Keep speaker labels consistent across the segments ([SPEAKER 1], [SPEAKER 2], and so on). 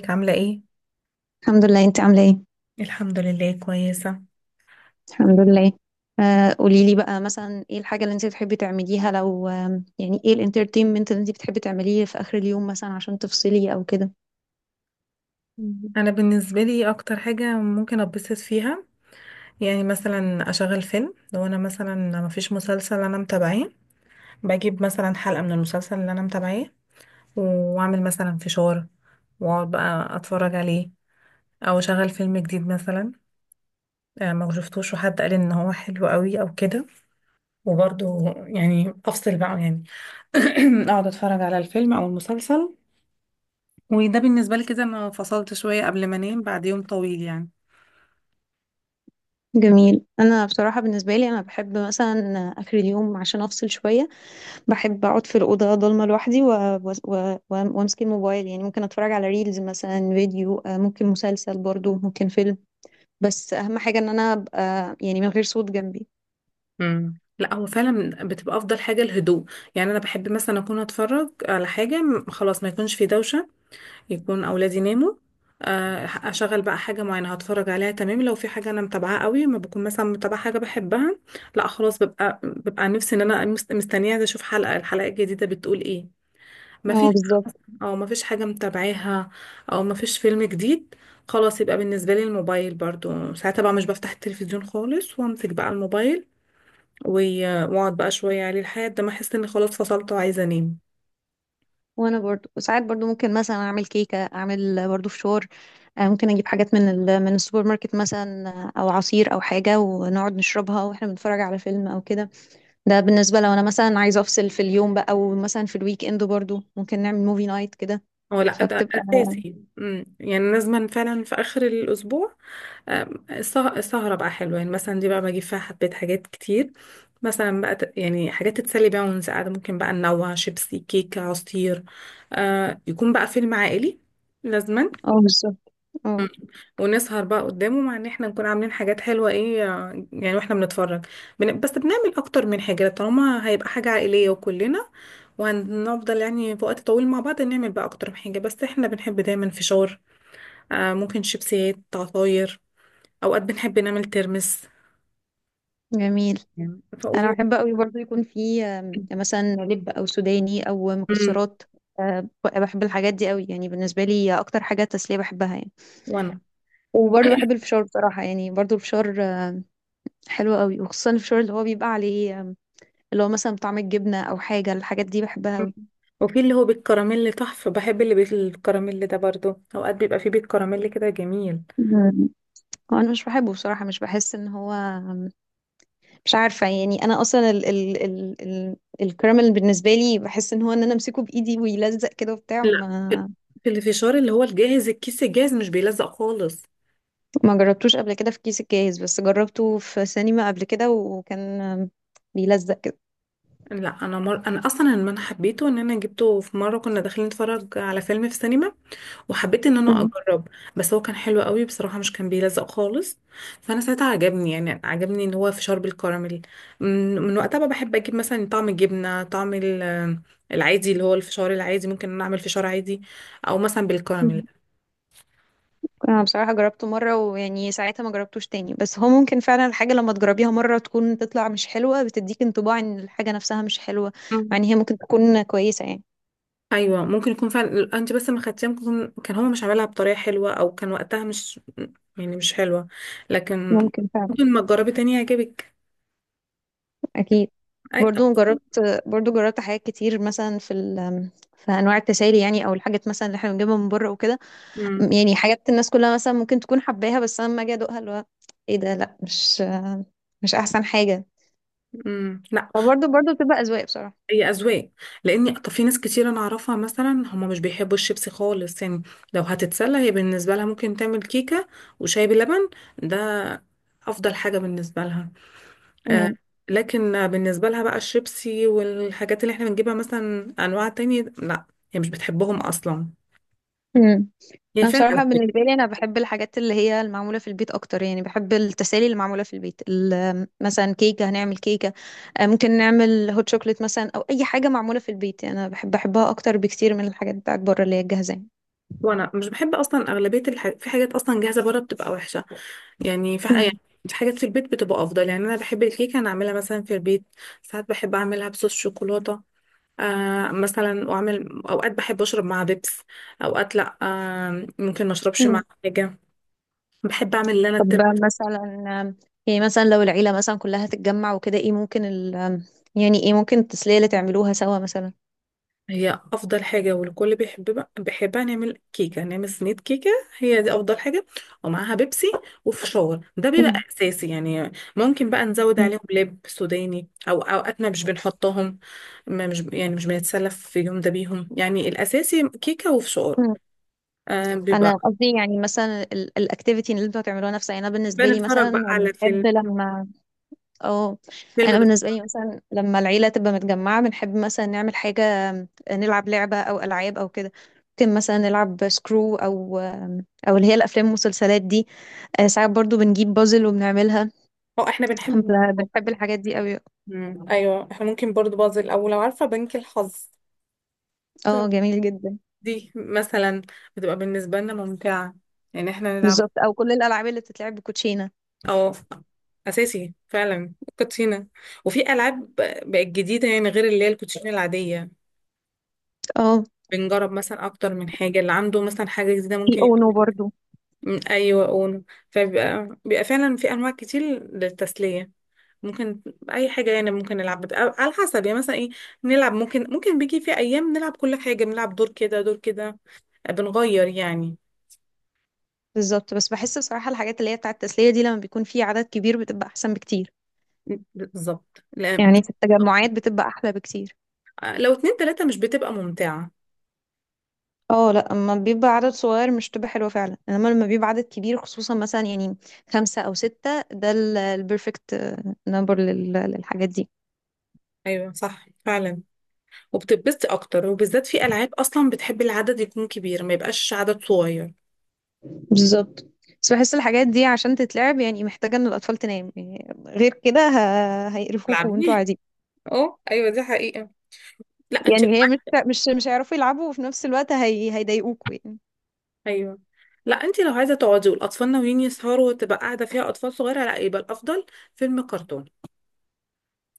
[SPEAKER 1] ازيك عاملة ايه؟
[SPEAKER 2] الحمد لله، انت عامله ايه؟
[SPEAKER 1] الحمد لله كويسة.
[SPEAKER 2] الحمد لله. آه، قولي لي بقى مثلا ايه الحاجه اللي انت بتحبي تعمليها لو يعني ايه الانترتينمنت اللي انت بتحبي تعمليه في اخر اليوم مثلا عشان تفصلي او كده؟
[SPEAKER 1] انا بالنسبة لي اكتر حاجة ممكن اتبسط فيها، يعني مثلا اشغل فيلم. لو انا مثلا مفيش مسلسل انا متابعاه، بجيب مثلا حلقة من المسلسل اللي انا متابعاه واعمل مثلا فشار واقعد بقى اتفرج عليه، او اشغل فيلم جديد مثلا. ما شفتوش وحد قال ان هو حلو قوي او كده، وبرضه يعني افصل بقى يعني. اقعد اتفرج على الفيلم او المسلسل، وده بالنسبة لي كده انا فصلت شوية قبل ما انام بعد يوم طويل يعني.
[SPEAKER 2] جميل. انا بصراحه بالنسبه لي انا بحب مثلا اخر اليوم عشان افصل شويه. بحب اقعد في الاوضه ضلمه لوحدي وامسك الموبايل. يعني ممكن اتفرج على ريلز مثلا، فيديو، ممكن مسلسل، برضو ممكن فيلم. بس اهم حاجه ان انا ابقى يعني من غير صوت جنبي.
[SPEAKER 1] لا، هو فعلا بتبقى افضل حاجه الهدوء. يعني انا بحب مثلا اكون اتفرج على حاجه، خلاص ما يكونش في دوشه، يكون اولادي ناموا. اشغل بقى حاجه معينه هتفرج عليها. تمام، لو في حاجه انا متابعاها قوي. ما بكون مثلا متابعه حاجه بحبها، لا خلاص، ببقى نفسي ان انا مستنيه، عايزة اشوف الحلقه الجديده بتقول ايه. ما
[SPEAKER 2] اه،
[SPEAKER 1] فيش
[SPEAKER 2] بالظبط.
[SPEAKER 1] او مفيش حاجة متابعاها او مفيش فيلم جديد، خلاص يبقى بالنسبة لي الموبايل برضو. ساعتها بقى مش بفتح التلفزيون خالص، وامسك بقى الموبايل و- واقعد بقى شوية عليه لحد ما احس اني خلاص فصلت وعايزة انام.
[SPEAKER 2] وانا برضو ساعات برضو ممكن مثلا اعمل كيكه، اعمل برضو فشار. ممكن اجيب حاجات من السوبر ماركت مثلا، او عصير او حاجه، ونقعد نشربها واحنا بنتفرج على فيلم او كده. ده بالنسبه لو انا مثلا عايزه افصل في اليوم بقى، او مثلا في الويك اند برضو ممكن نعمل موفي نايت كده.
[SPEAKER 1] هو لا، ده
[SPEAKER 2] فبتبقى.
[SPEAKER 1] اساسي. يعني لازم فعلا في اخر الاسبوع. السهرة بقى حلوة، يعني مثلا دي بقى بجيب فيها حبيت حاجات كتير، مثلا بقى يعني حاجات تتسلي بيها وانت قاعدة. ممكن بقى ننوع، شيبسي، كيكة، عصير. آه، يكون بقى فيلم عائلي لازما.
[SPEAKER 2] اه، بالظبط. اه.
[SPEAKER 1] ونسهر بقى قدامه، مع ان احنا نكون عاملين حاجات حلوة ايه، يعني واحنا بنتفرج. بس بنعمل اكتر من حاجة طالما هيبقى حاجة عائلية وكلنا وهنفضل يعني في وقت طويل مع بعض، نعمل بقى اكتر من حاجة. بس احنا بنحب دايما فشار، آه، ممكن شيبسيات، عصاير. اوقات بنحب نعمل ترمس.
[SPEAKER 2] جميل.
[SPEAKER 1] ف...
[SPEAKER 2] انا
[SPEAKER 1] و...
[SPEAKER 2] بحب قوي برضو يكون في مثلا لب او سوداني او
[SPEAKER 1] مم.
[SPEAKER 2] مكسرات. بحب الحاجات دي قوي. يعني بالنسبه لي اكتر حاجه تسليه بحبها يعني.
[SPEAKER 1] وانا
[SPEAKER 2] وبرضه بحب الفشار بصراحة. يعني برضه الفشار حلو قوي، وخصوصا الفشار اللي هو بيبقى عليه، اللي هو مثلا طعم الجبنة أو حاجة. الحاجات دي بحبها
[SPEAKER 1] مم.
[SPEAKER 2] قوي.
[SPEAKER 1] وفي اللي هو بالكراميل، طحف بحب اللي بالكراميل ده برضو. اوقات بيبقى فيه بالكراميل كده جميل.
[SPEAKER 2] مم. انا مش بحبه بصراحة. مش بحس ان هو، مش عارفة، يعني انا اصلا ال ال ال ال الكراميل بالنسبة لي، بحس ان انا امسكه بايدي ويلزق كده وبتاع
[SPEAKER 1] لا، في،
[SPEAKER 2] ما.
[SPEAKER 1] في الفشار اللي هو الجاهز، الكيس الجاهز مش بيلزق خالص.
[SPEAKER 2] ما جربتوش قبل كده في كيس الجاهز، بس جربته في سينما قبل كده وكان بيلزق كده.
[SPEAKER 1] لا انا انا اصلا لما انا حبيته ان انا جبته في مره كنا داخلين نتفرج على فيلم في السينما، وحبيت ان انا اجرب. بس هو كان حلو قوي بصراحه، مش كان بيلزق خالص. فانا ساعتها عجبني، يعني عجبني ان هو فشار بالكراميل. من وقتها بقى بحب اجيب مثلا طعم الجبنه، طعم العادي اللي هو الفشار العادي. ممكن إن انا اعمل فشار عادي او مثلا
[SPEAKER 2] مم.
[SPEAKER 1] بالكراميل.
[SPEAKER 2] انا بصراحة جربته مرة، ويعني ساعتها ما جربتوش تاني، بس هو ممكن فعلا الحاجة لما تجربيها مرة تكون تطلع مش حلوة، بتديك انطباع ان الحاجة نفسها مش حلوة، مع ان هي ممكن تكون كويسة يعني.
[SPEAKER 1] ايوه، ممكن يكون فعلا، انت بس ما خدتيها. كان هو مش عاملها بطريقه حلوه، او كان وقتها مش يعني مش حلوه، لكن
[SPEAKER 2] ممكن فعلا.
[SPEAKER 1] ممكن ما تجربي تاني يعجبك.
[SPEAKER 2] اكيد.
[SPEAKER 1] أي...
[SPEAKER 2] برضو جربت برضو جربت حاجات كتير مثلا في ال في انواع التسالي، يعني او الحاجات مثلا اللي احنا بنجيبها من بره وكده.
[SPEAKER 1] امم
[SPEAKER 2] يعني حاجات الناس كلها مثلا ممكن تكون حباها، بس انا لما اجي ادوقها، اللي هو ايه ده؟ لا، مش احسن حاجة.
[SPEAKER 1] لا،
[SPEAKER 2] فبرضو بتبقى اذواق بصراحة.
[SPEAKER 1] هي اذواق. لاني طب في ناس كتير انا اعرفها مثلا هم مش بيحبوا الشيبسي خالص يعني. لو هتتسلى هي بالنسبه لها ممكن تعمل كيكه وشاي بلبن، ده افضل حاجه بالنسبه لها. آه،
[SPEAKER 2] مم.
[SPEAKER 1] لكن بالنسبه لها بقى الشيبسي والحاجات اللي احنا بنجيبها مثلا انواع تانية، لا، هي مش بتحبهم اصلا.
[SPEAKER 2] مم.
[SPEAKER 1] هي
[SPEAKER 2] انا
[SPEAKER 1] فعلا
[SPEAKER 2] بصراحه بالنسبه
[SPEAKER 1] أغلبية.
[SPEAKER 2] لي انا بحب الحاجات اللي هي المعموله في البيت اكتر. يعني بحب التسالي اللي معموله في البيت، مثلا كيكه، هنعمل كيكه. ممكن نعمل هوت شوكليت مثلا، او اي حاجه معموله في البيت. يعني انا بحب احبها اكتر بكتير من الحاجات بتاعت بره اللي هي الجاهزه يعني.
[SPEAKER 1] وانا مش بحب اصلا اغلبيه في حاجات اصلا جاهزه بره بتبقى وحشه، يعني في يعني
[SPEAKER 2] مم.
[SPEAKER 1] في حاجات في البيت بتبقى افضل. يعني انا بحب الكيكه انا اعملها مثلا في البيت، ساعات بحب اعملها بصوص شوكولاته. آه مثلا، واعمل اوقات بحب اشرب مع بيبس، اوقات لا، آه، ممكن ما اشربش مع
[SPEAKER 2] مم.
[SPEAKER 1] حاجه. بحب اعمل اللي انا.
[SPEAKER 2] طب، مثلا، آم، يعني مثلا لو العيله مثلا كلها تتجمع وكده، ايه ممكن ال آم، يعني ايه ممكن التسليه اللي تعملوها سوا مثلا؟
[SPEAKER 1] هي افضل حاجه والكل بيحبها، نعمل كيكه، نعمل صينيه كيكه، هي دي افضل حاجه. ومعاها بيبسي وفشار، ده بيبقى
[SPEAKER 2] مم.
[SPEAKER 1] اساسي. يعني ممكن بقى نزود
[SPEAKER 2] مم.
[SPEAKER 1] عليهم لب سوداني، او اوقاتنا مش بنحطهم. ما مش يعني، مش بنتسلف في اليوم ده بيهم. يعني الاساسي كيكه وفشار.
[SPEAKER 2] مم.
[SPEAKER 1] آه
[SPEAKER 2] انا
[SPEAKER 1] بيبقى
[SPEAKER 2] قصدي يعني مثلا الاكتيفيتي اللي انتوا هتعملوها نفسها. يعني
[SPEAKER 1] بنتفرج بقى على فيلم،
[SPEAKER 2] بنحب لما اه
[SPEAKER 1] فيلم
[SPEAKER 2] انا
[SPEAKER 1] بس.
[SPEAKER 2] بالنسبه لي مثلا لما العيله تبقى متجمعه، بنحب مثلا نعمل حاجه، نلعب لعبه او العاب او كده. ممكن مثلا نلعب سكرو، او اللي هي الافلام والمسلسلات دي. ساعات برضو بنجيب بازل وبنعملها.
[SPEAKER 1] اه احنا بنحب.
[SPEAKER 2] بنحب الحاجات دي قوي.
[SPEAKER 1] مم. ايوه احنا ممكن برضو بازل، او لو عارفه بنك الحظ،
[SPEAKER 2] اه، جميل جدا.
[SPEAKER 1] دي مثلا بتبقى بالنسبة لنا ممتعة، يعني احنا نلعب.
[SPEAKER 2] بالظبط. او كل الالعاب اللي بتتلعب بكوتشينه.
[SPEAKER 1] اه، أساسي فعلا الكوتشينة. وفي ألعاب بقت جديدة يعني غير اللي هي الكوتشينة العادية.
[SPEAKER 2] اه،
[SPEAKER 1] بنجرب مثلا أكتر من حاجة، اللي عنده مثلا حاجة جديدة
[SPEAKER 2] في
[SPEAKER 1] ممكن يبقى.
[SPEAKER 2] اونو برضو.
[SPEAKER 1] من، أيوة، أونو. فبيبقى فعلا في أنواع كتير للتسلية. ممكن أي حاجة يعني ممكن نلعب. بتبقى على حسب يعني، مثلا إيه نلعب. ممكن بيجي في أيام نلعب كل حاجة، بنلعب دور كده دور كده، بنغير يعني.
[SPEAKER 2] بالظبط. بس بحس بصراحه الحاجات اللي هي بتاعه التسليه دي لما بيكون في عدد كبير بتبقى احسن بكتير.
[SPEAKER 1] بالظبط، لا،
[SPEAKER 2] يعني في التجمعات بتبقى احلى بكتير.
[SPEAKER 1] لو اتنين تلاتة مش بتبقى ممتعة.
[SPEAKER 2] اه، لا، اما بيبقى عدد صغير مش بتبقى حلوه فعلا، انما لما بيبقى عدد كبير، خصوصا مثلا، يعني خمسه او سته، ده البرفكت نمبر للحاجات دي.
[SPEAKER 1] ايوه صح فعلا، وبتتبسطي اكتر، وبالذات في العاب اصلا بتحب العدد يكون كبير ما يبقاش عدد صغير.
[SPEAKER 2] بالظبط. بس بحس الحاجات دي عشان تتلعب يعني محتاجه ان الاطفال تنام، يعني غير كده هيقرفوكوا وانتوا
[SPEAKER 1] تلعبي.
[SPEAKER 2] قاعدين.
[SPEAKER 1] اه ايوه، دي حقيقة. لا انت
[SPEAKER 2] يعني
[SPEAKER 1] لو
[SPEAKER 2] هي مش
[SPEAKER 1] عايزة-
[SPEAKER 2] مش مش هيعرفوا يلعبوا، وفي نفس الوقت هيضايقوكوا يعني.
[SPEAKER 1] ايوه، لا، انت لو عايزة تقعدي والاطفال ناويين يسهروا وتبقى قاعدة فيها اطفال صغيرة، لا يبقى الافضل فيلم كرتون.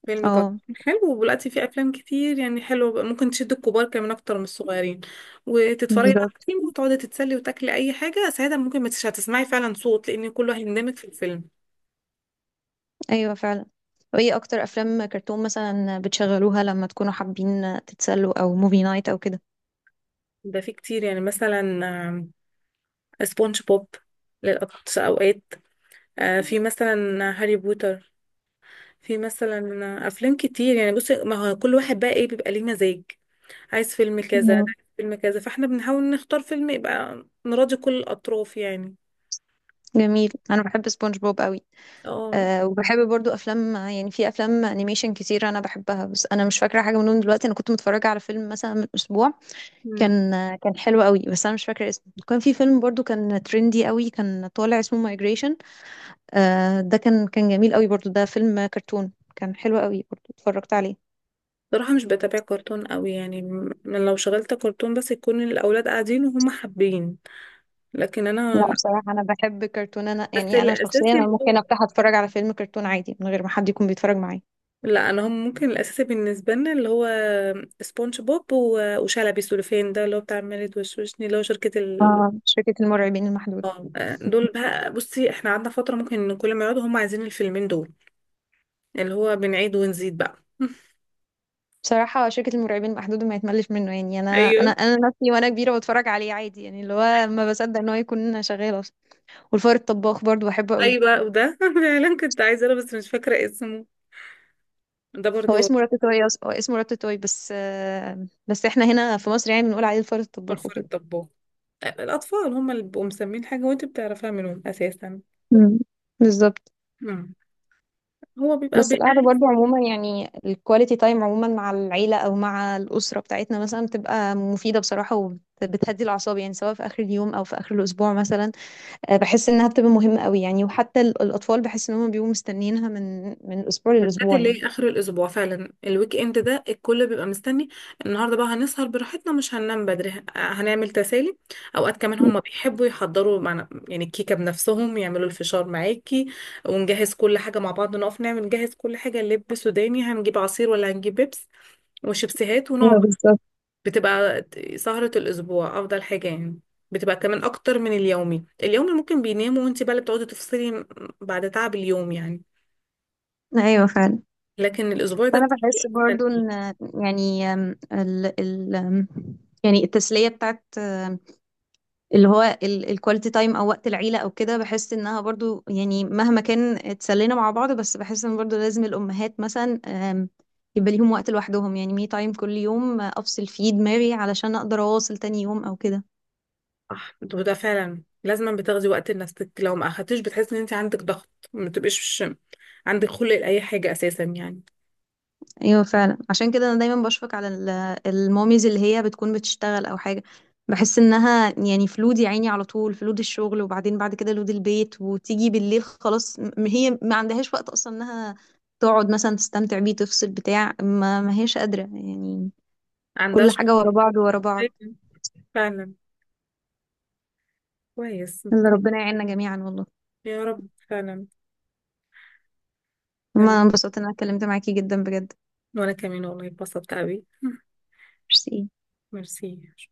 [SPEAKER 1] فيلم
[SPEAKER 2] اه،
[SPEAKER 1] كرتون حلو، ودلوقتي في افلام كتير يعني حلوة ممكن تشد الكبار كمان اكتر من الصغيرين. وتتفرجي بقى على
[SPEAKER 2] بالظبط.
[SPEAKER 1] فيلم وتقعدي تتسلي وتاكلي اي حاجة. ساعتها ممكن ما تش- هتسمعي فعلا صوت، لان كله هيندمج في الفيلم.
[SPEAKER 2] ايوه، فعلا. وايه اكتر افلام كرتون مثلا بتشغلوها لما تكونوا حابين تتسلوا، او موفي نايت، او
[SPEAKER 1] ده في كتير يعني مثلا، سبونج بوب للأقصى أوقات. في مثلا هاري بوتر، في مثلا، أفلام كتير يعني. بصي، ما هو كل واحد بقى إيه بيبقى ليه مزاج، عايز فيلم كذا، ده
[SPEAKER 2] كده؟
[SPEAKER 1] عايز فيلم كذا، فاحنا بنحاول نختار فيلم يبقى نراضي كل الأطراف يعني.
[SPEAKER 2] جميل. انا بحب سبونج بوب قوي.
[SPEAKER 1] اه.
[SPEAKER 2] أه، وبحب برضو افلام. يعني في افلام انيميشن كتير انا بحبها، بس انا مش فاكره حاجه منهم دلوقتي. انا كنت متفرجه على فيلم مثلا من اسبوع،
[SPEAKER 1] مم.
[SPEAKER 2] كان حلو قوي، بس انا مش فاكره اسمه. كان في فيلم برضو كان ترندي قوي كان طالع، اسمه مايجريشن. أه، ده كان جميل قوي برضو. ده فيلم كرتون، كان حلو قوي، برضو اتفرجت عليه.
[SPEAKER 1] صراحة مش بتابع كرتون قوي يعني. لو شغلت كرتون بس يكون الأولاد قاعدين وهم حابين، لكن أنا
[SPEAKER 2] لا،
[SPEAKER 1] لا.
[SPEAKER 2] بصراحه انا بحب كرتون. انا
[SPEAKER 1] بس
[SPEAKER 2] يعني انا شخصيا،
[SPEAKER 1] الأساسي،
[SPEAKER 2] انا ممكن افتح اتفرج على فيلم كرتون عادي من غير ما حد يكون بيتفرج معايا.
[SPEAKER 1] لا، انا هم ممكن الاساسي بالنسبه لنا اللي هو سبونج بوب وشلبي سوليفين، ده اللي هو بتاع مالد وشوشني، اللي هو شركه ال،
[SPEAKER 2] شركه المرعبين المحدوده.
[SPEAKER 1] اه. دول بقى، بصي احنا قعدنا فتره ممكن إن كل ما يقعدوا هم عايزين الفيلمين دول، اللي هو بنعيد ونزيد بقى.
[SPEAKER 2] بصراحة شركة المرعبين محدود ما يتملش منه. يعني أنا
[SPEAKER 1] ايوه.
[SPEAKER 2] أنا أنا نفسي وأنا كبيرة بتفرج عليه عادي، يعني اللي هو ما بصدق إن هو يكون شغال أصلا. والفار الطباخ برضو بحبه قوي.
[SPEAKER 1] ايوه وده فعلا كنت عايزه انا بس مش فاكره اسمه، ده
[SPEAKER 2] هو
[SPEAKER 1] برضو
[SPEAKER 2] اسمه راتاتوي أصلا هو اسمه راتاتوي بس إحنا هنا في مصر يعني بنقول عليه الفار الطباخ
[SPEAKER 1] فلفل
[SPEAKER 2] وكده.
[SPEAKER 1] الطباخ. الاطفال هم اللي بيبقوا مسمين حاجه وانت بتعرفيها منهم اساسا.
[SPEAKER 2] مم. بالظبط.
[SPEAKER 1] مم. هو بيبقى
[SPEAKER 2] بس
[SPEAKER 1] بيبقى
[SPEAKER 2] القعدة برضو عموما، يعني الكواليتي تايم عموما مع العيلة أو مع الأسرة بتاعتنا مثلا، بتبقى مفيدة بصراحة، وبتهدي الأعصاب، يعني سواء في آخر اليوم أو في آخر الأسبوع مثلا. بحس انها بتبقى مهمة قوي. يعني وحتى الاطفال بحس ان هم بيبقوا مستنيينها من اسبوع
[SPEAKER 1] بالذات
[SPEAKER 2] لاسبوع
[SPEAKER 1] اللي
[SPEAKER 2] يعني.
[SPEAKER 1] هي اخر الاسبوع، فعلا الويك اند ده الكل بيبقى مستني. النهارده بقى هنسهر براحتنا، مش هننام بدري، هنعمل تسالي. اوقات كمان هم بيحبوا يحضروا معنا، يعني الكيكه بنفسهم، يعملوا الفشار معاكي ونجهز كل حاجه مع بعض، نقف نعمل نجهز كل حاجه، لب سوداني، هنجيب عصير ولا هنجيب بيبس وشيبسيهات،
[SPEAKER 2] ايوه،
[SPEAKER 1] ونقعد.
[SPEAKER 2] بالظبط.
[SPEAKER 1] بتبقى سهره الاسبوع افضل حاجه يعني. بتبقى كمان اكتر من اليومي. اليومي ممكن بيناموا وانت بقى اللي بتقعدي تفصلي بعد تعب اليوم يعني،
[SPEAKER 2] ايوه، فعلا.
[SPEAKER 1] لكن الاسبوع ده.
[SPEAKER 2] فانا بحس برضو ان، يعني أم، ال ال أم، يعني التسليه بتاعت اللي هو الكواليتي تايم او وقت العيله او كده، بحس انها برضو يعني مهما كان اتسلينا مع بعض، بس بحس ان برضو لازم الامهات مثلا يبقى ليهم وقت لوحدهم، يعني مي تايم كل يوم. افصل فيه دماغي علشان اقدر اواصل تاني يوم او كده.
[SPEAKER 1] صح، وده فعلا لازما بتاخدي وقت لنفسك. لو ما اخدتيش بتحسي ان انت عندك ضغط، ما تبقيش عندك خلق لاي حاجه اساسا يعني.
[SPEAKER 2] ايوه، فعلا. عشان كده انا دايما بشفق على الماميز اللي هي بتكون بتشتغل او حاجه. بحس انها يعني في لود، يا عيني، على طول في لود الشغل، وبعدين بعد كده لود البيت، وتيجي بالليل خلاص هي ما عندهاش وقت اصلا انها تقعد مثلا تستمتع بيه، تفصل بتاع، ما هيش قادره يعني.
[SPEAKER 1] عندها
[SPEAKER 2] كل حاجه ورا بعض ورا بعض.
[SPEAKER 1] شخصيه فعلا. كويس.
[SPEAKER 2] يلا، ربنا يعيننا جميعا والله.
[SPEAKER 1] يا رب، فعلا. تمام.
[SPEAKER 2] ما انبسطت ان انا اتكلمت معاكي جدا بجد.
[SPEAKER 1] وانا كمان والله اتبسطت قوي.
[SPEAKER 2] ميرسي.
[SPEAKER 1] ميرسي.